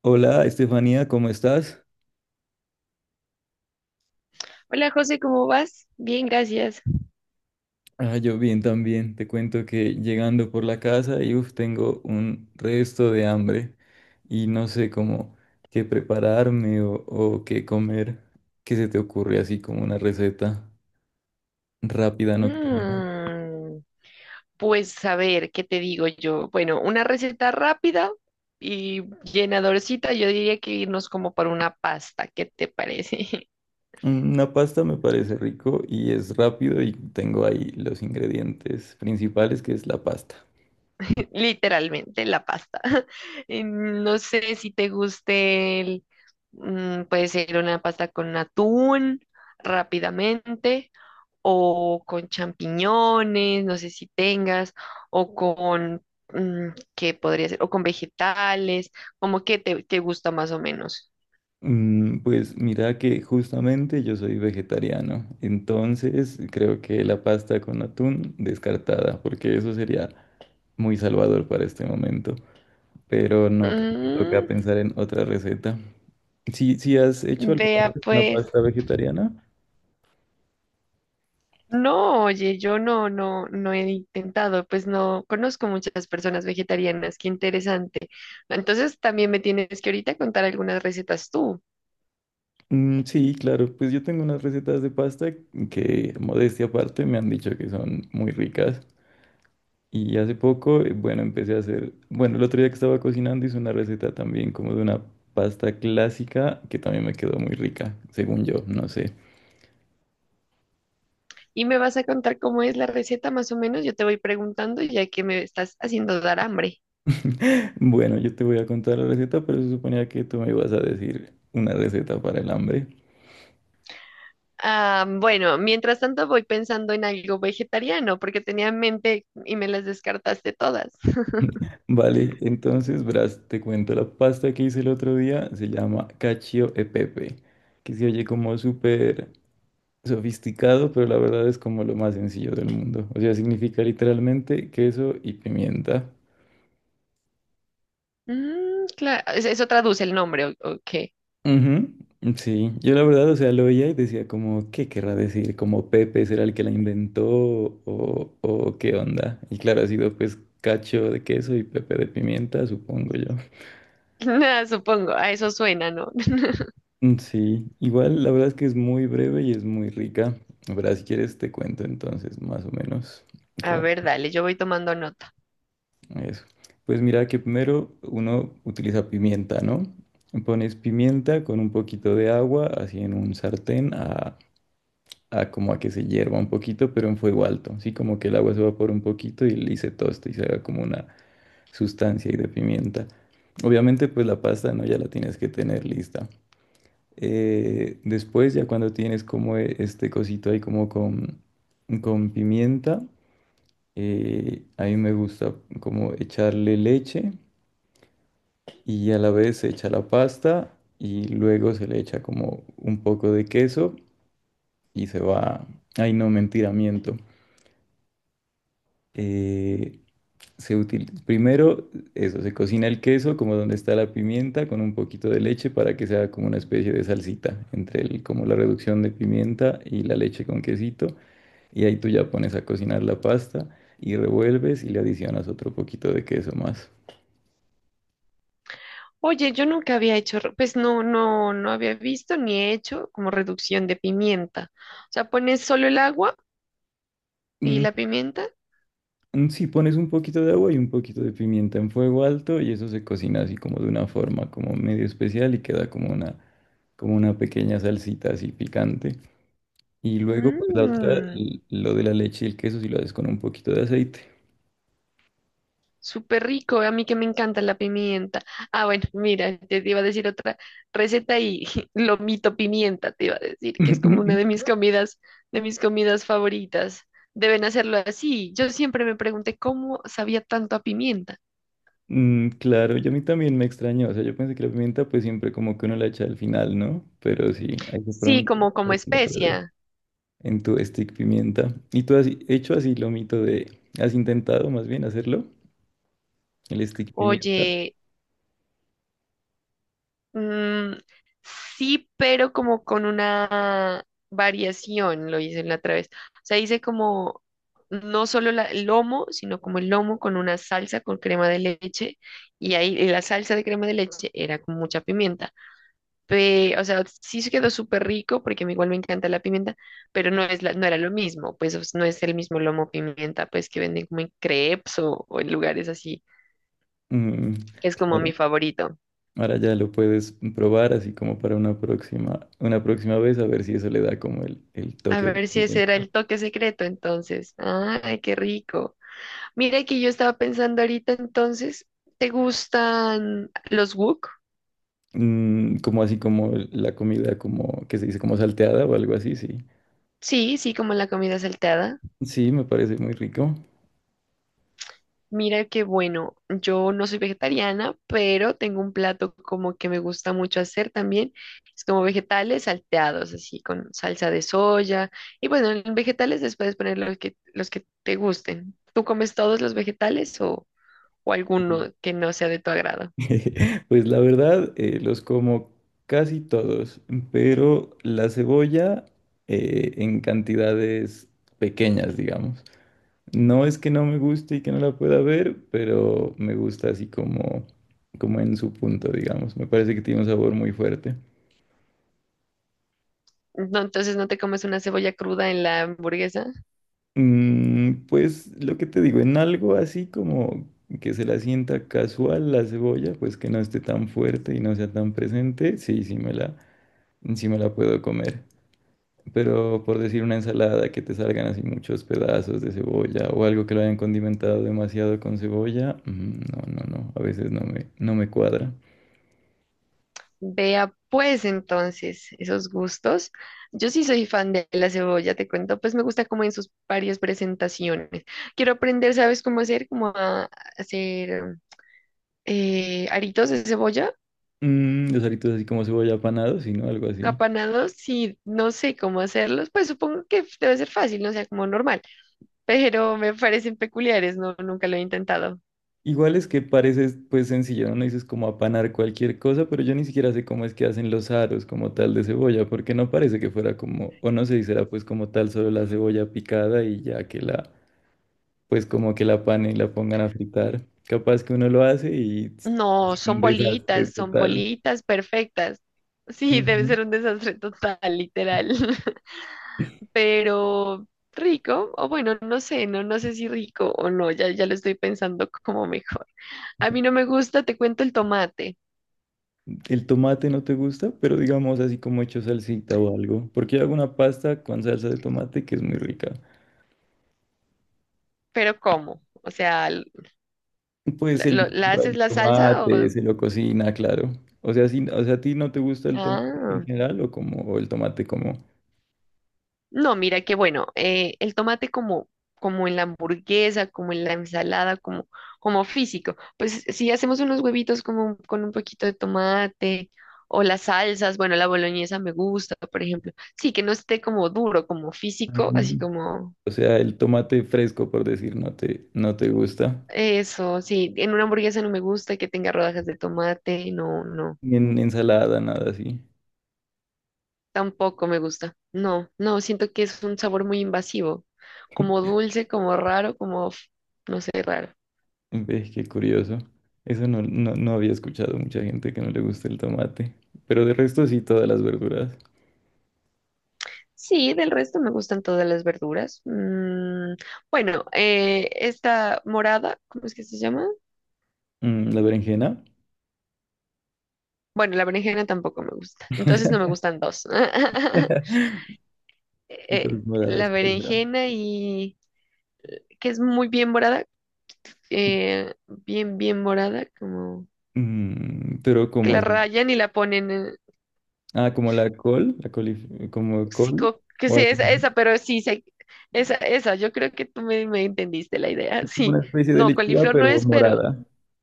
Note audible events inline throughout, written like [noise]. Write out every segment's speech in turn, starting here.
Hola, Estefanía, ¿cómo estás? Hola José, ¿cómo vas? Bien, gracias. Ah, yo bien también. Te cuento que llegando por la casa y uf, tengo un resto de hambre y no sé cómo qué prepararme o qué comer. ¿Qué se te ocurre así como una receta rápida nocturna? Mm, pues a ver, ¿qué te digo yo? Bueno, una receta rápida y llenadorcita, yo diría que irnos como por una pasta, ¿qué te parece? Mm, una pasta me parece rico y es rápido y tengo ahí los ingredientes principales que es la pasta. [laughs] Literalmente la pasta. [laughs] No sé si te guste puede ser una pasta con atún rápidamente o con champiñones, no sé si tengas, o con, mm, ¿qué podría ser? O con vegetales, como que te gusta más o menos. Mm, pues mira que justamente yo soy vegetariano, entonces creo que la pasta con atún descartada, porque eso sería muy salvador para este momento, pero no, creo que Mm, toca pensar en otra receta. Si, si has hecho alguna vea vez una pues, pasta vegetariana. no, oye, yo no he intentado, pues no conozco muchas personas vegetarianas, qué interesante. Entonces también me tienes que ahorita contar algunas recetas tú. Mm, sí, claro, pues yo tengo unas recetas de pasta que, modestia aparte, me han dicho que son muy ricas. Y hace poco, bueno, empecé a hacer, bueno, el otro día que estaba cocinando hice una receta también como de una pasta clásica que también me quedó muy rica, según yo, no sé. Y me vas a contar cómo es la receta más o menos. Yo te voy preguntando ya que me estás haciendo dar hambre. [laughs] Bueno, yo te voy a contar la receta, pero se suponía que tú me ibas a decir una receta para el hambre. Ah, bueno, mientras tanto voy pensando en algo vegetariano porque tenía en mente y me las descartaste todas. [laughs] Vale, entonces, verás, te cuento, la pasta que hice el otro día se llama cacio e pepe, que se oye como súper sofisticado, pero la verdad es como lo más sencillo del mundo. O sea, significa literalmente queso y pimienta. Mm, claro, eso traduce el nombre, o qué? Ujú. Sí, yo la verdad, o sea, lo oía y decía como, ¿qué querrá decir? ¿Como Pepe será el que la inventó o qué onda? Y claro, ha sido pues cacho de queso y Pepe de pimienta, supongo yo. [laughs] Nada, supongo, a eso suena, ¿no? [laughs] Mm, sí, igual la verdad es que es muy breve y es muy rica. La verdad, si quieres te cuento entonces más o menos A como ver, dale, yo voy tomando nota. eso. Pues mira que primero uno utiliza pimienta, ¿no? Pones pimienta con un poquito de agua, así en un sartén a como a que se hierva un poquito, pero en fuego alto, sí, como que el agua se evapora un poquito y se tosta y se haga como una sustancia ahí de pimienta. Obviamente, pues la pasta, ¿no? Ya la tienes que tener lista. Después, ya cuando tienes como este cosito ahí como con pimienta, a mí me gusta como echarle leche y a la vez se echa la pasta y luego se le echa como un poco de queso y se va... Ay, no, mentira, miento. Eh, Se utiliza primero, eso, se cocina el queso como donde está la pimienta con un poquito de leche para que sea como una especie de salsita entre el, como la reducción de pimienta y la leche con quesito. Y ahí tú ya pones a cocinar la pasta y revuelves y le adicionas otro poquito de queso más. Oye, yo nunca había hecho, pues no había visto ni he hecho como reducción de pimienta. O sea, pones solo el agua y Mm, la pimienta. Sí, pones un poquito de agua y un poquito de pimienta en fuego alto y eso se cocina así como de una forma como medio especial y queda como una pequeña salsita así picante. Y luego, pues la otra, Mm. Lo de la leche y el queso, si lo haces con un poquito de aceite. Súper rico, a mí que me encanta la pimienta. Ah, bueno, mira, te iba a decir otra receta y [laughs] lomito pimienta, te iba a decir, que es como una [laughs] de mis comidas favoritas. Deben hacerlo así. Yo siempre me pregunté cómo sabía tanto a pimienta. Mm, claro, yo a mí también me extrañó. O sea, yo pensé que la pimienta, pues siempre como que uno la echa al final, ¿no? Pero sí, ahí de Sí, pronto, como para que no pruebes, especia. en tu stick pimienta. ¿Y tú has hecho así lo mito de, has intentado más bien hacerlo, el stick pimienta? Oye, mm, sí, pero como con una variación, lo hice la otra vez. O sea, hice como no solo el lomo, sino como el lomo con una salsa con crema de leche. Y ahí y la salsa de crema de leche era con mucha pimienta. O sea, sí se quedó súper rico porque a mí igual me encanta la pimienta, pero no es no era lo mismo. Pues o sea, no es el mismo lomo pimienta, pues que venden como en crepes o en lugares así. Mm, Es como claro. mi favorito. Ahora ya lo puedes probar así como para una próxima vez, a ver si eso le da como el A toque de ver si ese era pimienta. el toque secreto entonces. Ay, qué rico. Mira que yo estaba pensando ahorita entonces, ¿te gustan los wok? Mm, como así como la comida como que se dice como salteada o algo así, sí. Sí, sí, como la comida salteada. Sí, me parece muy rico. Mira que bueno, yo no soy vegetariana, pero tengo un plato como que me gusta mucho hacer también. Es como vegetales salteados, así con salsa de soya. Y bueno, en vegetales les puedes poner los que te gusten. ¿Tú comes todos los vegetales o Mm. alguno que no sea de tu agrado? [laughs] Pues la verdad, los como casi todos, pero la cebolla en cantidades pequeñas, digamos. No es que no me guste y que no la pueda ver, pero me gusta así como, como en su punto, digamos. Me parece que tiene un sabor muy fuerte. No, entonces no te comes una cebolla cruda en la hamburguesa. Mm, pues lo que te digo, en algo así como que se la sienta casual la cebolla, pues que no esté tan fuerte y no sea tan presente, sí, sí me la puedo comer. Pero por decir una ensalada que te salgan así muchos pedazos de cebolla o algo que lo hayan condimentado demasiado con cebolla, mm, no, no, no, a veces no me cuadra. Vea pues entonces esos gustos. Yo sí soy fan de la cebolla, te cuento, pues me gusta como en sus varias presentaciones. Quiero aprender, ¿sabes cómo hacer? Como a hacer aritos de cebolla, Mm, los aritos así como cebolla apanados, sino algo así. capanados, y no sé cómo hacerlos, pues supongo que debe ser fácil, no sea como normal, pero me parecen peculiares, no, nunca lo he intentado. Igual es que parece pues sencillo, ¿no? No dices como apanar cualquier cosa, pero yo ni siquiera sé cómo es que hacen los aros como tal de cebolla, porque no parece que fuera como, o no sé si será pues como tal solo la cebolla picada y ya que la, pues como que la panen y la pongan a fritar. Capaz que uno lo hace y es No, un desastre son total. bolitas perfectas. Sí, debe Ujú. ser un desastre total, literal. [laughs] Pero rico, o bueno, no sé, no, no sé si rico o no, ya, ya lo estoy pensando como mejor. A mí no me gusta, te cuento el tomate, El tomate no te gusta, pero digamos así como hecho salsita o algo, porque yo hago una pasta con salsa de tomate que es muy rica. pero ¿cómo? O sea, Pues ¿la, se le la haces el la salsa tomate, o...? se lo cocina, claro. O sea, si, o sea, ¿a ti no te gusta el tomate en Ah. general o como o el tomate como? No, mira que bueno, el tomate como, como en la hamburguesa, como en la ensalada, como, como físico. Pues si hacemos unos huevitos como con un poquito de tomate o las salsas, bueno, la boloñesa me gusta, por ejemplo. Sí, que no esté como duro, como físico, así Mm. como ¿O sea, el tomate fresco, por decir, no te gusta? eso, sí, en una hamburguesa no me gusta que tenga rodajas de tomate, no, no, Ni en ensalada, nada así. tampoco me gusta. No, no, siento que es un sabor muy invasivo, como dulce, como raro, como, no sé, raro. Ves, qué curioso. Eso no, no, no había escuchado mucha gente que no le gusta el tomate. Pero de resto sí, todas las verduras. Sí, del resto me gustan todas las verduras. Mm, bueno, esta morada, ¿cómo es que se llama? Mm, la berenjena. Bueno, la berenjena tampoco me gusta. Entonces no me gustan dos. [laughs] [laughs] Eh, Entonces, la moradas, colorado. berenjena y que es muy bien morada, bien, bien morada, como Mm, ¿pero que como la es? rayan y la ponen, Ah, como la col, la colif- como sí, col, que o sé, algo así. Pero sí, yo creo que tú me entendiste la idea, [laughs] Es como sí. una especie de No, lechuga, coliflor no pero es, pero morada,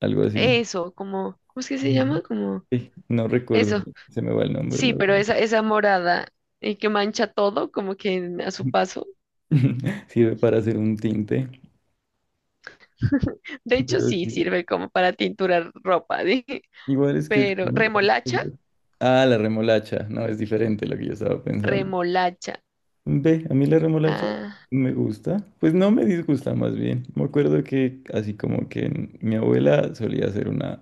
algo así. eso, como, ¿cómo es que se Ujú. llama? Como... Sí, no recuerdo, Eso, se me va el nombre, sí, la pero verdad. esa morada que mancha todo, como que a su paso. [laughs] Sirve para hacer un tinte, [laughs] De hecho, pero sí sí, sirve como para tinturar ropa, [laughs] dije. igual es que... Pero, ¿remolacha? Ah, la remolacha, no, es diferente lo que yo estaba pensando. Remolacha. Ve, a mí la remolacha Ah, me gusta, pues no me disgusta más bien. Me acuerdo que así como que mi abuela solía hacer una...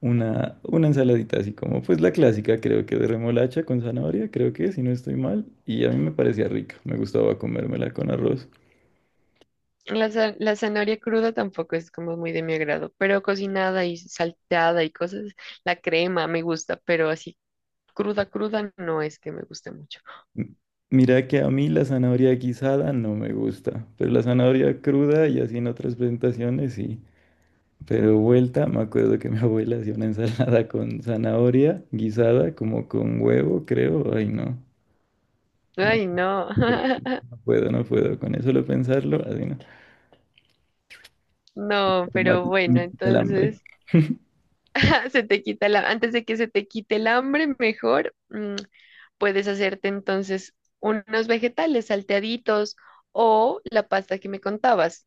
Una ensaladita así como, pues la clásica, creo que de remolacha con zanahoria, creo que, si no estoy mal, y a mí me parecía rica, me gustaba comérmela con arroz. la, la zanahoria cruda tampoco es como muy de mi agrado, pero cocinada y salteada y cosas, la crema me gusta, pero así cruda, cruda no es que me guste mucho. M- Mira que a mí la zanahoria guisada no me gusta, pero la zanahoria cruda y así en otras presentaciones sí. Pero vuelta, me acuerdo que mi [laughs] abuela hacía una ensalada con zanahoria guisada, como con huevo, creo, ay no, no, Ay, no. [laughs] no puedo, con eso lo pensarlo, así no, No, me pero mata bueno, el hambre. entonces. [laughs] [laughs] Se te quita la, antes de que se te quite el hambre, mejor mm, puedes hacerte entonces unos vegetales salteaditos o la pasta que me contabas.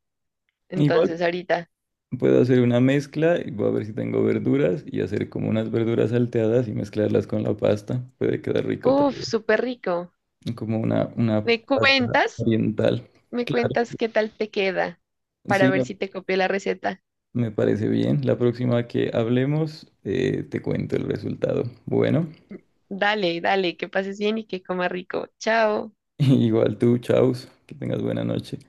Igual Entonces ahorita, puedo hacer una mezcla y voy a ver si tengo verduras y hacer como unas verduras salteadas y mezclarlas con la pasta. Puede quedar rico tal uff, vez. súper rico. Como una ¿Me pasta cuentas? oriental. ¿Me Claro. cuentas qué tal te queda para Sí, ver si te copié la receta? me parece bien. La próxima que hablemos, te cuento el resultado. Bueno, Dale, dale, que pases bien y que comas rico. Chao. [laughs] igual tú, chaus, que tengas buena noche.